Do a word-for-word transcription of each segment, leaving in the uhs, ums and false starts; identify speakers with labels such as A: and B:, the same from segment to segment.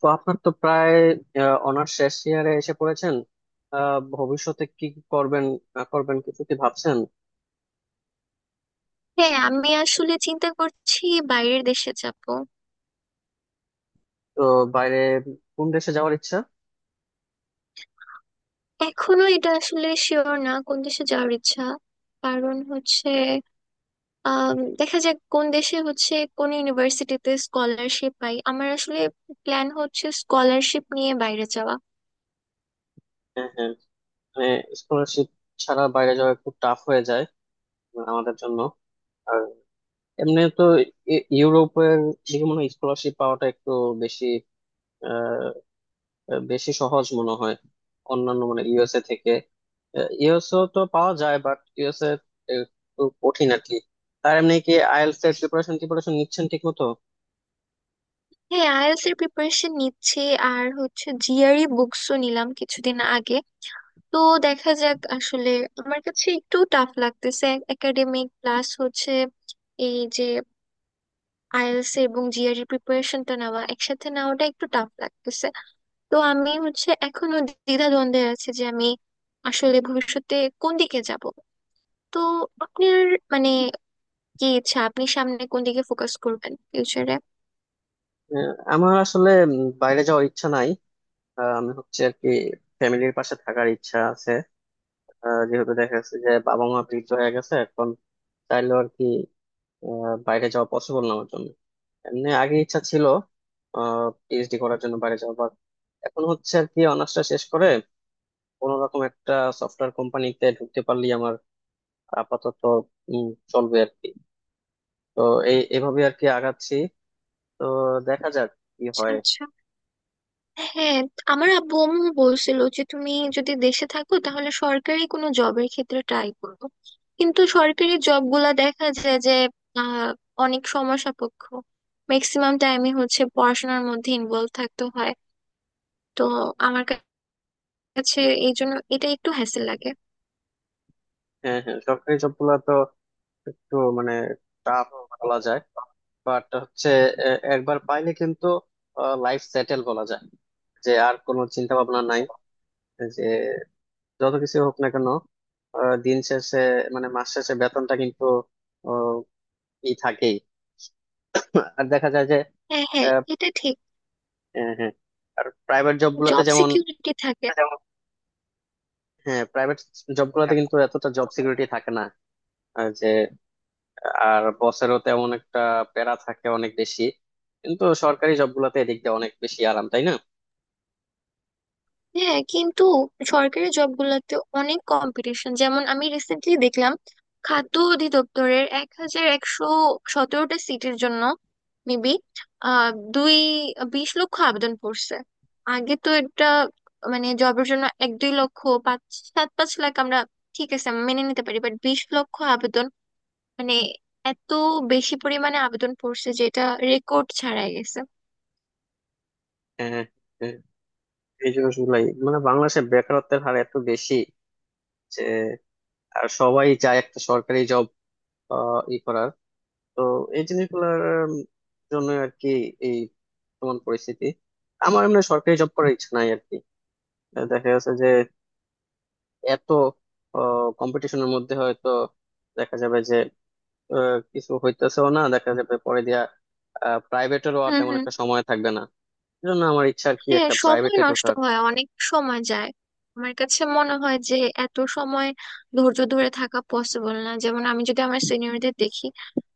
A: তো আপনার তো প্রায় অনার্স শেষ ইয়ারে এসে পড়েছেন। আহ, ভবিষ্যতে কি করবেন না করবেন কিছু কি ভাবছেন?
B: হ্যাঁ আমি আসলে চিন্তা করছি বাইরের দেশে যাব।
A: তো বাইরে কোন দেশে যাওয়ার ইচ্ছা?
B: এখনো এটা আসলে শিওর না কোন দেশে যাওয়ার ইচ্ছা, কারণ হচ্ছে আম, দেখা যাক কোন দেশে হচ্ছে কোন ইউনিভার্সিটিতে স্কলারশিপ পাই। আমার আসলে প্ল্যান হচ্ছে স্কলারশিপ নিয়ে বাইরে যাওয়া।
A: হ্যাঁ হ্যাঁ, মানে স্কলারশিপ ছাড়া বাইরে যাওয়া একটু টাফ হয়ে যায় আমাদের জন্য। আর এমনি তো ই- ইউরোপের দিকে মনে হয় স্কলারশিপ পাওয়াটা একটু বেশি, আহ, বেশি সহজ মনে হয় অন্যান্য মানে ইউএসএ থেকে। ইউএসও তো পাওয়া যায় বাট ইউএসএ একটু কঠিন আর কি। তার এমনি কি আইএলটিএস এর প্রিপারেশন প্রিপারেশন নিচ্ছেন ঠিক মতো?
B: হ্যাঁ I E L T S এর প্রিপারেশন নিচ্ছি, আর হচ্ছে জি আর ই বুকসও নিলাম কিছুদিন আগে। তো দেখা যাক আসলে, আমার কাছে একটু টাফ লাগতেছে। একাডেমিক প্লাস হচ্ছে এই যে I E L T S এবং জি আর ই প্রিপারেশনটা নেওয়া, একসাথে নেওয়াটা একটু টাফ লাগতেছে। তো আমি হচ্ছে এখনো দ্বিধাদ্বন্দ্বে আছি যে আমি আসলে ভবিষ্যতে কোন দিকে যাব। তো আপনার মানে কি ইচ্ছা, আপনি সামনে কোন দিকে ফোকাস করবেন ফিউচারে?
A: আহ, আমার আসলে উম, বাইরে যাওয়ার ইচ্ছা নাই। আহ, আমি হচ্ছে আর কি ফ্যামিলির পাশে থাকার ইচ্ছা আছে। আহ, যেহেতু দেখা যাচ্ছে যে বাবা মা বৃদ্ধ হয়ে গেছে এখন, চাইলেও আর কি আহ, বাইরে যাওয়া পসিবল না আমার জন্য। এমনি আগে ইচ্ছা ছিল পিএইচডি করার জন্য বাইরে যাওয়া, বাট এখন হচ্ছে আর কি অনার্সটা শেষ করে কোনো রকম একটা সফটওয়্যার কোম্পানিতে ঢুকতে পারলেই আমার আপাতত উম, চলবে আর কি। তো এই এভাবে আর কি আগাচ্ছি। তো দেখা যাক কি
B: আচ্ছা
A: হয়।
B: আচ্ছা। হ্যাঁ, আমার আব্বু আম্মু বলছিল যে তুমি যদি দেশে থাকো তাহলে সরকারি কোনো জবের ক্ষেত্রে ট্রাই করো। কিন্তু সরকারি জব গুলা দেখা যায় যে আহ অনেক সময় সাপেক্ষ, ম্যাক্সিমাম টাইমই হচ্ছে পড়াশোনার মধ্যে ইনভলভ থাকতে হয়। তো আমার কা- কাছে এই জন্য এটা একটু হ্যাসেল লাগে।
A: হ্যাঁ হ্যাঁ, সরকারি জব গুলা তো একটু মানে টাফ বলা যায়, বাট হচ্ছে এ- একবার পাইলে কিন্তু লাইফ সেটেল বলা যায়, যে আর কোনো চিন্তা ভাবনা নাই, যে যত কিছু হোক না কেন আহ, দিন শেষে মানে মাস শেষে বেতনটা কিন্তু আহ, ই থাকেই। আর দেখা যায় যে
B: হ্যাঁ হ্যাঁ এটা ঠিক,
A: হ্যাঁ হ্যাঁ, আর প্রাইভেট জব গুলাতে
B: জব
A: যেমন
B: সিকিউরিটি থাকে।
A: হ্যাঁ, প্রাইভেট জব গুলাতে কিন্তু এতটা জব সিকিউরিটি থাকে না। আর যে আর বসেরও তেমন একটা প্যারা থাকে অনেক বেশি, কিন্তু সরকারি জব গুলাতে এদিক দিয়ে অনেক বেশি আরাম, তাই না?
B: হ্যাঁ কিন্তু সরকারি জবগুলোতে অনেক কম্পিটিশন, যেমন আমি রিসেন্টলি দেখলাম খাদ্য অধিদপ্তরের এক হাজার একশো সতেরোটা সিটের জন্য মেবি আহ দুই বিশ লক্ষ আবেদন পড়ছে। আগে তো এটা মানে জবের জন্য এক দুই লক্ষ, পাঁচ, সাত, পাঁচ লাখ, আমরা ঠিক আছে মেনে নিতে পারি, বাট বিশ লক্ষ আবেদন, মানে এত বেশি পরিমাণে আবেদন পড়ছে যেটা রেকর্ড ছাড়াই গেছে।
A: হ্যাঁ হ্যাঁ, হ্যাঁ, এই জিনিসগুলাই, মানে বাংলাদেশে বেকারত্বের হার এত বেশি যে আর সবাই চায় একটা সরকারি জব ই করার। তো এই জিনিসগুলোর জন্য আর কি এই বর্তমান পরিস্থিতি। আমার এমনি সরকারি জব করার ইচ্ছা নাই আর কি। দেখা গেছে এত কম্পিটিশনের মধ্যে হয়তো দেখা যাবে যে আহ, কিছু হইতেছেও না, দেখা যাবে পরে দিয়া প্রাইভেটেরও আর
B: হুম
A: তেমন
B: হুম।
A: একটা সময় থাকবে না। এজন্য আমার ইচ্ছা আর কি
B: হ্যাঁ
A: একটা
B: সময়
A: প্রাইভেটে
B: নষ্ট
A: ঢোকার।
B: হয়, অনেক সময় যায়। আমার কাছে মনে হয় যে এত সময় ধৈর্য ধরে থাকা পসিবল না। যেমন আমি যদি আমার সিনিয়রদের দেখি,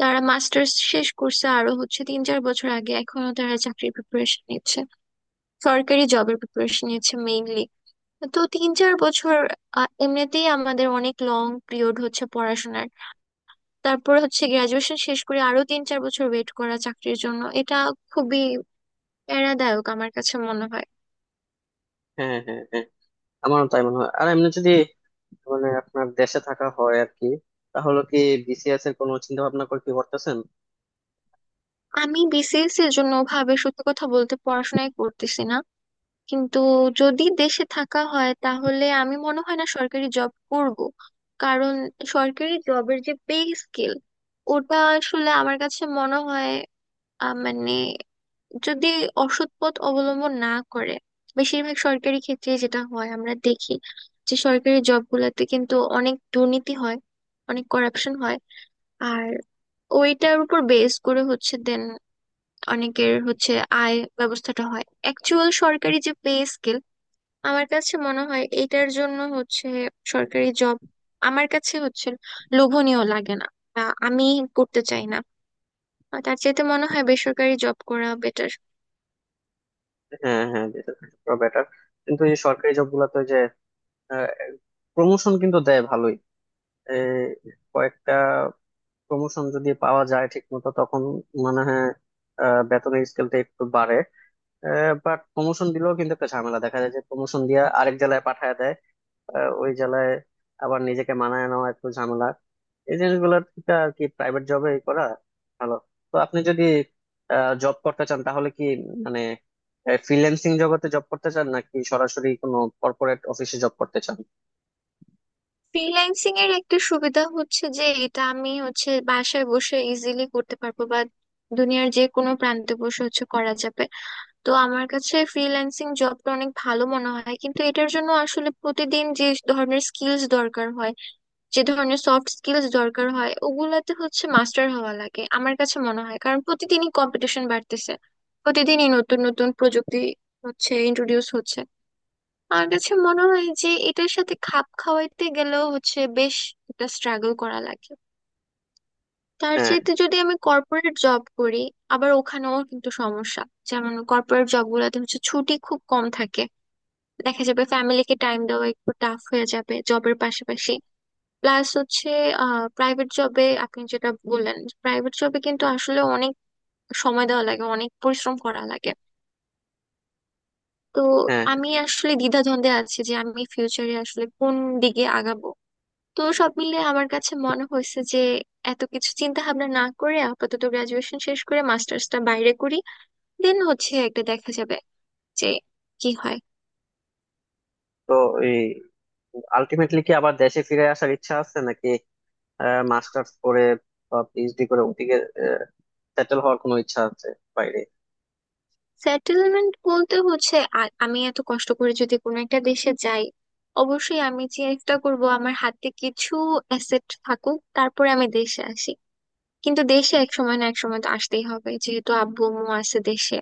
B: তারা মাস্টার্স শেষ করছে আরো হচ্ছে তিন চার বছর আগে, এখনো তারা চাকরির প্রিপারেশন নিচ্ছে, সরকারি জবের প্রিপারেশন নিচ্ছে মেইনলি। তো তিন চার বছর, আহ, এমনিতেই আমাদের অনেক লং পিরিয়ড হচ্ছে পড়াশোনার, তারপর হচ্ছে গ্রাজুয়েশন শেষ করে আরো তিন চার বছর ওয়েট করা চাকরির জন্য, এটা খুবই প্যারাদায়ক আমার কাছে মনে হয়।
A: হ্যাঁ হ্যাঁ হ্যাঁ হ্যাঁ। আমারও তাই মনে হয়। আর এমনি যদি মানে আপনার দেশে থাকা হয় আর কি, তাহলে কি বিসিএস এর কোনো চিন্তা ভাবনা করে কি করতেছেন?
B: আমি বি সি এস এর জন্য ভাবে সত্যি কথা বলতে পড়াশোনাই করতেছি না, কিন্তু যদি দেশে থাকা হয় তাহলে আমি মনে হয় না সরকারি জব করব। কারণ সরকারি জবের যে পে স্কেল, ওটা আসলে আমার কাছে মনে হয় আহ, মানে, যদি অসৎ পথ অবলম্বন না করে, বেশিরভাগ সরকারি ক্ষেত্রে যেটা হয় আমরা দেখি যে সরকারি জবগুলোতে কিন্তু অনেক দুর্নীতি হয়, অনেক করাপশন হয়, আর ওইটার উপর বেস করে হচ্ছে দেন অনেকের হচ্ছে আয় ব্যবস্থাটা হয়। অ্যাকচুয়াল সরকারি যে পে স্কেল, আমার কাছে মনে হয় এটার জন্য হচ্ছে সরকারি জব আমার কাছে হচ্ছে লোভনীয় লাগে না, বা আমি করতে চাই না। আর তার চাইতে মনে হয় বেসরকারি জব করা বেটার।
A: হ্যাঁ হ্যাঁ, দেশে থাকা বেটার। কিন্তু এই সরকারি জব গুলাতে যে প্রমোশন কিন্তু দেয় ভালোই। এই কয়েকটা প্রমোশন যদি পাওয়া যায় ঠিক মতো তখন মানে হয় আহ, বেতনের স্কেলটা একটু বাড়ে। বাট প্রমোশন দিলেও কিন্তু একটা ঝামেলা, দেখা যায় যে প্রমোশন দিয়ে আরেক জেলায় পাঠায় দেয়। আহ, ওই জেলায় আবার নিজেকে মানায় নেওয়া একটু ঝামেলা। এই জিনিসগুলো থেকে আর কি প্রাইভেট জবে করা ভালো। তো আপনি যদি জব করতে চান তাহলে কি মানে ফ্রিল্যান্সিং জগতে জব করতে চান নাকি সরাসরি কোনো কর্পোরেট অফিসে জব করতে চান?
B: ফ্রিল্যান্সিং এর একটা সুবিধা হচ্ছে যে এটা আমি হচ্ছে বাসায় বসে ইজিলি করতে পারবো, বা দুনিয়ার যে কোনো প্রান্তে বসে হচ্ছে করা যাবে। তো আমার কাছে ফ্রিল্যান্সিং জবটা অনেক ভালো মনে হয়, কিন্তু এটার জন্য আসলে প্রতিদিন যে ধরনের স্কিলস দরকার হয়, যে ধরনের সফট স্কিলস দরকার হয়, ওগুলাতে হচ্ছে মাস্টার হওয়া লাগে আমার কাছে মনে হয়। কারণ প্রতিদিনই কম্পিটিশন বাড়তেছে, প্রতিদিনই নতুন নতুন প্রযুক্তি হচ্ছে ইন্ট্রোডিউস হচ্ছে। আমার কাছে মনে হয় যে এটার সাথে খাপ খাওয়াইতে গেলেও হচ্ছে বেশ একটা স্ট্রাগল করা লাগে। তার
A: হ্যাঁ।
B: চাইতে যদি আমি কর্পোরেট জব করি, আবার ওখানেও কিন্তু সমস্যা। যেমন কর্পোরেট জব গুলাতে হচ্ছে ছুটি খুব কম থাকে, দেখা যাবে ফ্যামিলিকে টাইম দেওয়া একটু টাফ হয়ে যাবে জবের পাশাপাশি। প্লাস হচ্ছে আহ প্রাইভেট জবে, আপনি যেটা বললেন, প্রাইভেট জবে কিন্তু আসলে অনেক সময় দেওয়া লাগে, অনেক পরিশ্রম করা লাগে। তো
A: হ্যাঁ।
B: আমি আসলে দ্বিধাদ্বন্দ্বে আছি যে আমি ফিউচারে আসলে কোন দিকে আগাবো। তো সব মিলে আমার কাছে মনে হয়েছে যে এত কিছু চিন্তা ভাবনা না করে আপাতত গ্রাজুয়েশন শেষ করে মাস্টার্সটা বাইরে করি, দেন হচ্ছে একটা দেখা যাবে যে কি হয়।
A: তো এই আলটিমেটলি কি আবার দেশে ফিরে আসার ইচ্ছা আছে, নাকি মাস্টার্স করে বা পিএইচডি করে ওদিকে সেটেল হওয়ার কোনো ইচ্ছা আছে বাইরে?
B: সেটেলমেন্ট বলতে হচ্ছে, আ- আমি এত কষ্ট করে যদি কোনো একটা দেশে যাই, অবশ্যই আমি চেষ্টা করব আমার হাতে কিছু অ্যাসেট থাকুক তারপরে আমি দেশে আসি। কিন্তু দেশে এক সময় না এক সময় তো আসতেই হবে, যেহেতু আব্বু আম্মু আছে দেশে,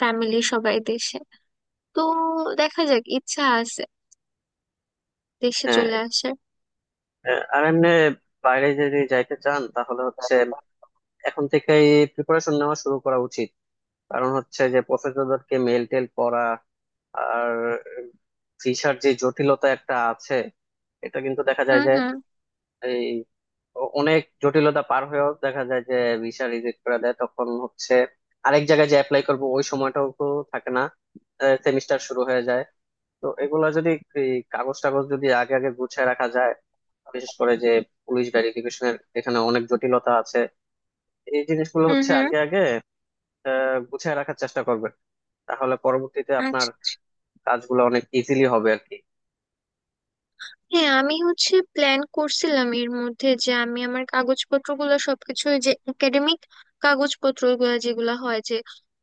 B: ফ্যামিলি সবাই দেশে। তো দেখা যাক, ইচ্ছা আছে দেশে
A: হ্যাঁ।
B: চলে আসার।
A: আহ, আর এমনি বাইরে যদি যাইতে চান তাহলে হচ্ছে এখন থেকেই প্রিপারেশন নেওয়া শুরু করা উচিত। কারণ হচ্ছে যে প্রফেসরদেরকে মেল টেল করা, আর ভিসার যে জটিলতা একটা আছে, এটা কিন্তু দেখা যায়
B: হুম
A: যে
B: হুম।
A: এই অ- অনেক জটিলতা পার হয়েও দেখা যায় যে ভিসা রিজেক্ট করে দেয়। তখন হচ্ছে আরেক জায়গায় যে অ্যাপ্লাই করবো ওই সময়টাও তো থাকে না, সেমিস্টার শুরু হয়ে যায়। তো এগুলা যদি এই কাগজ টাগজ যদি আগে আগে গুছিয়ে রাখা যায়, বিশেষ করে যে পুলিশ ভেরিফিকেশনের এখানে অনেক জটিলতা আছে, এই জিনিসগুলো
B: হুম
A: হচ্ছে
B: হুম।
A: আগে আগে আহ, গুছিয়ে রাখার চেষ্টা করবেন। তাহলে পরবর্তীতে আপনার
B: আচ্ছা আচ্ছা।
A: কাজগুলো অনেক ইজিলি হবে আর কি।
B: হ্যাঁ আমি হচ্ছে প্ল্যান করছিলাম এর মধ্যে যে আমি আমার কাগজপত্রগুলো সবকিছু, ওই যে একাডেমিক কাগজপত্রগুলো যেগুলো হয় যে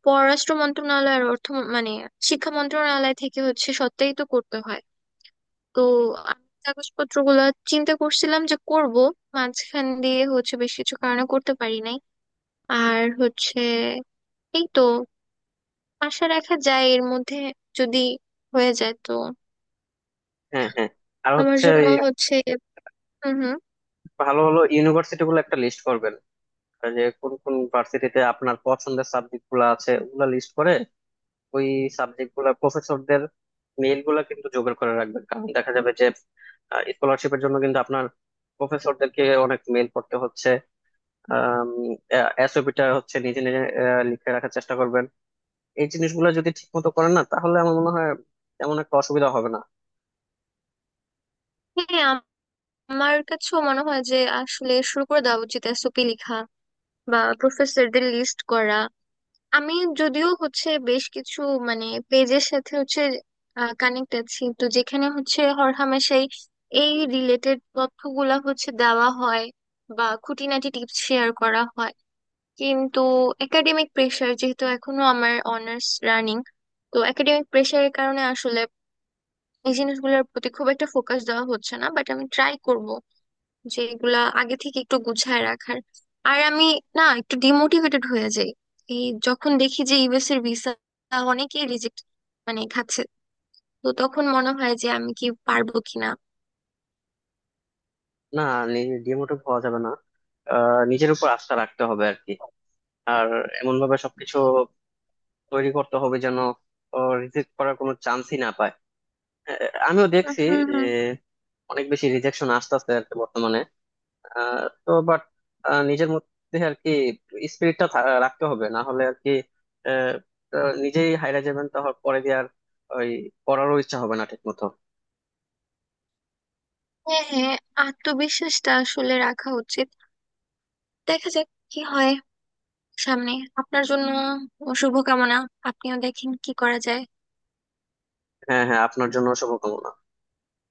B: পররাষ্ট্র মন্ত্রণালয় আর অর্থ মন- মানে শিক্ষা মন্ত্রণালয় থেকে হচ্ছে সত্যায়িত করতে হয়। তো আমি কাগজপত্রগুলো চিন্তা করছিলাম যে করব, মাঝখান দিয়ে হচ্ছে বেশ কিছু কারণে করতে পারি নাই। আর হচ্ছে এই তো, আশা রাখা যায় এর মধ্যে যদি হয়ে যায় তো
A: হ্যাঁ হ্যাঁ, আর
B: আমার
A: হচ্ছে
B: জন্য।
A: এই
B: আচ্ছা। হচ্ছে হুম হুম।
A: ভালো ভালো ইউনিভার্সিটি গুলো একটা লিস্ট করবেন। আর যে কোন কোন ভার্সিটিতে আপনার পছন্দের সাবজেক্ট গুলো আছে ওগুলা লিস্ট করে ওই সাবজেক্ট গুলা প্রফেসরদের মেইল গুলা কিন্তু জোগাড় করে রাখবেন, কারণ দেখা যাবে যে স্কলারশিপের জন্য কিন্তু আপনার প্রফেসরদেরকে অনেক মেইল পড়তে হচ্ছে। এসওপিটা হচ্ছে নিজে নিজে আহ, লিখে রাখার চেষ্টা করবেন। এই জিনিসগুলো যদি ঠিক মতো করেন না, তাহলে আমার মনে হয় তেমন একটা অসুবিধা হবে না।
B: হ্যাঁ আমার কাছেও মনে হয় যে আসলে শুরু করে দেওয়া উচিত এস ও পি লেখা বা প্রফেসরদের লিস্ট করা। আমি যদিও হচ্ছে বেশ কিছু মানে পেজের সাথে হচ্ছে কানেক্ট আছি, তো যেখানে হচ্ছে হরহামেশাই এই রিলেটেড তথ্যগুলা হচ্ছে দেওয়া হয় বা খুঁটিনাটি টিপস শেয়ার করা হয়। কিন্তু একাডেমিক প্রেশার, যেহেতু এখনো আমার অনার্স রানিং, তো একাডেমিক প্রেশারের কারণে আসলে এই জিনিসগুলোর প্রতি খুব একটা ফোকাস দেওয়া হচ্ছে না, বাট আমি ট্রাই করব যেগুলা আগে থেকে একটু গুছায় রাখার। আর আমি না একটু ডিমোটিভেটেড হয়ে যাই এই যখন দেখি যে ইউ এস এর ভিসা অনেকেই রিজেক্ট মানে খাচ্ছে, তো তখন মনে হয় যে আমি কি পারবো কিনা।
A: না, ডিমোটিভ হওয়া যাবে না। আহ, নিজের উপর আস্থা রাখতে হবে আর কি। আর এমন ভাবে সবকিছু তৈরি করতে হবে যেন রিজেক্ট করার কোনো চান্সই না পায়। আহ, আমিও দেখছি
B: হুম হুম।
A: অনেক বেশি রিজেকশন আসতেছে আর কি বর্তমানে। আহ, তো বাট নিজের মধ্যে আর কি স্পিরিটটা রাখতে হবে, না হলে আর কি আহ, আহ, নিজেই হাইরা যাবেন তাহলে পরে দিয়ে, আর ওই পড়ারও ইচ্ছা হবে না ঠিক মতো।
B: হ্যাঁ হ্যাঁ, আত্মবিশ্বাসটা আসলে রাখা উচিত। দেখা যাক কি হয় সামনে। আপনার জন্য শুভকামনা, আপনিও দেখেন কি করা যায়।
A: হ্যাঁ হ্যাঁ, আপনার জন্য শুভকামনা।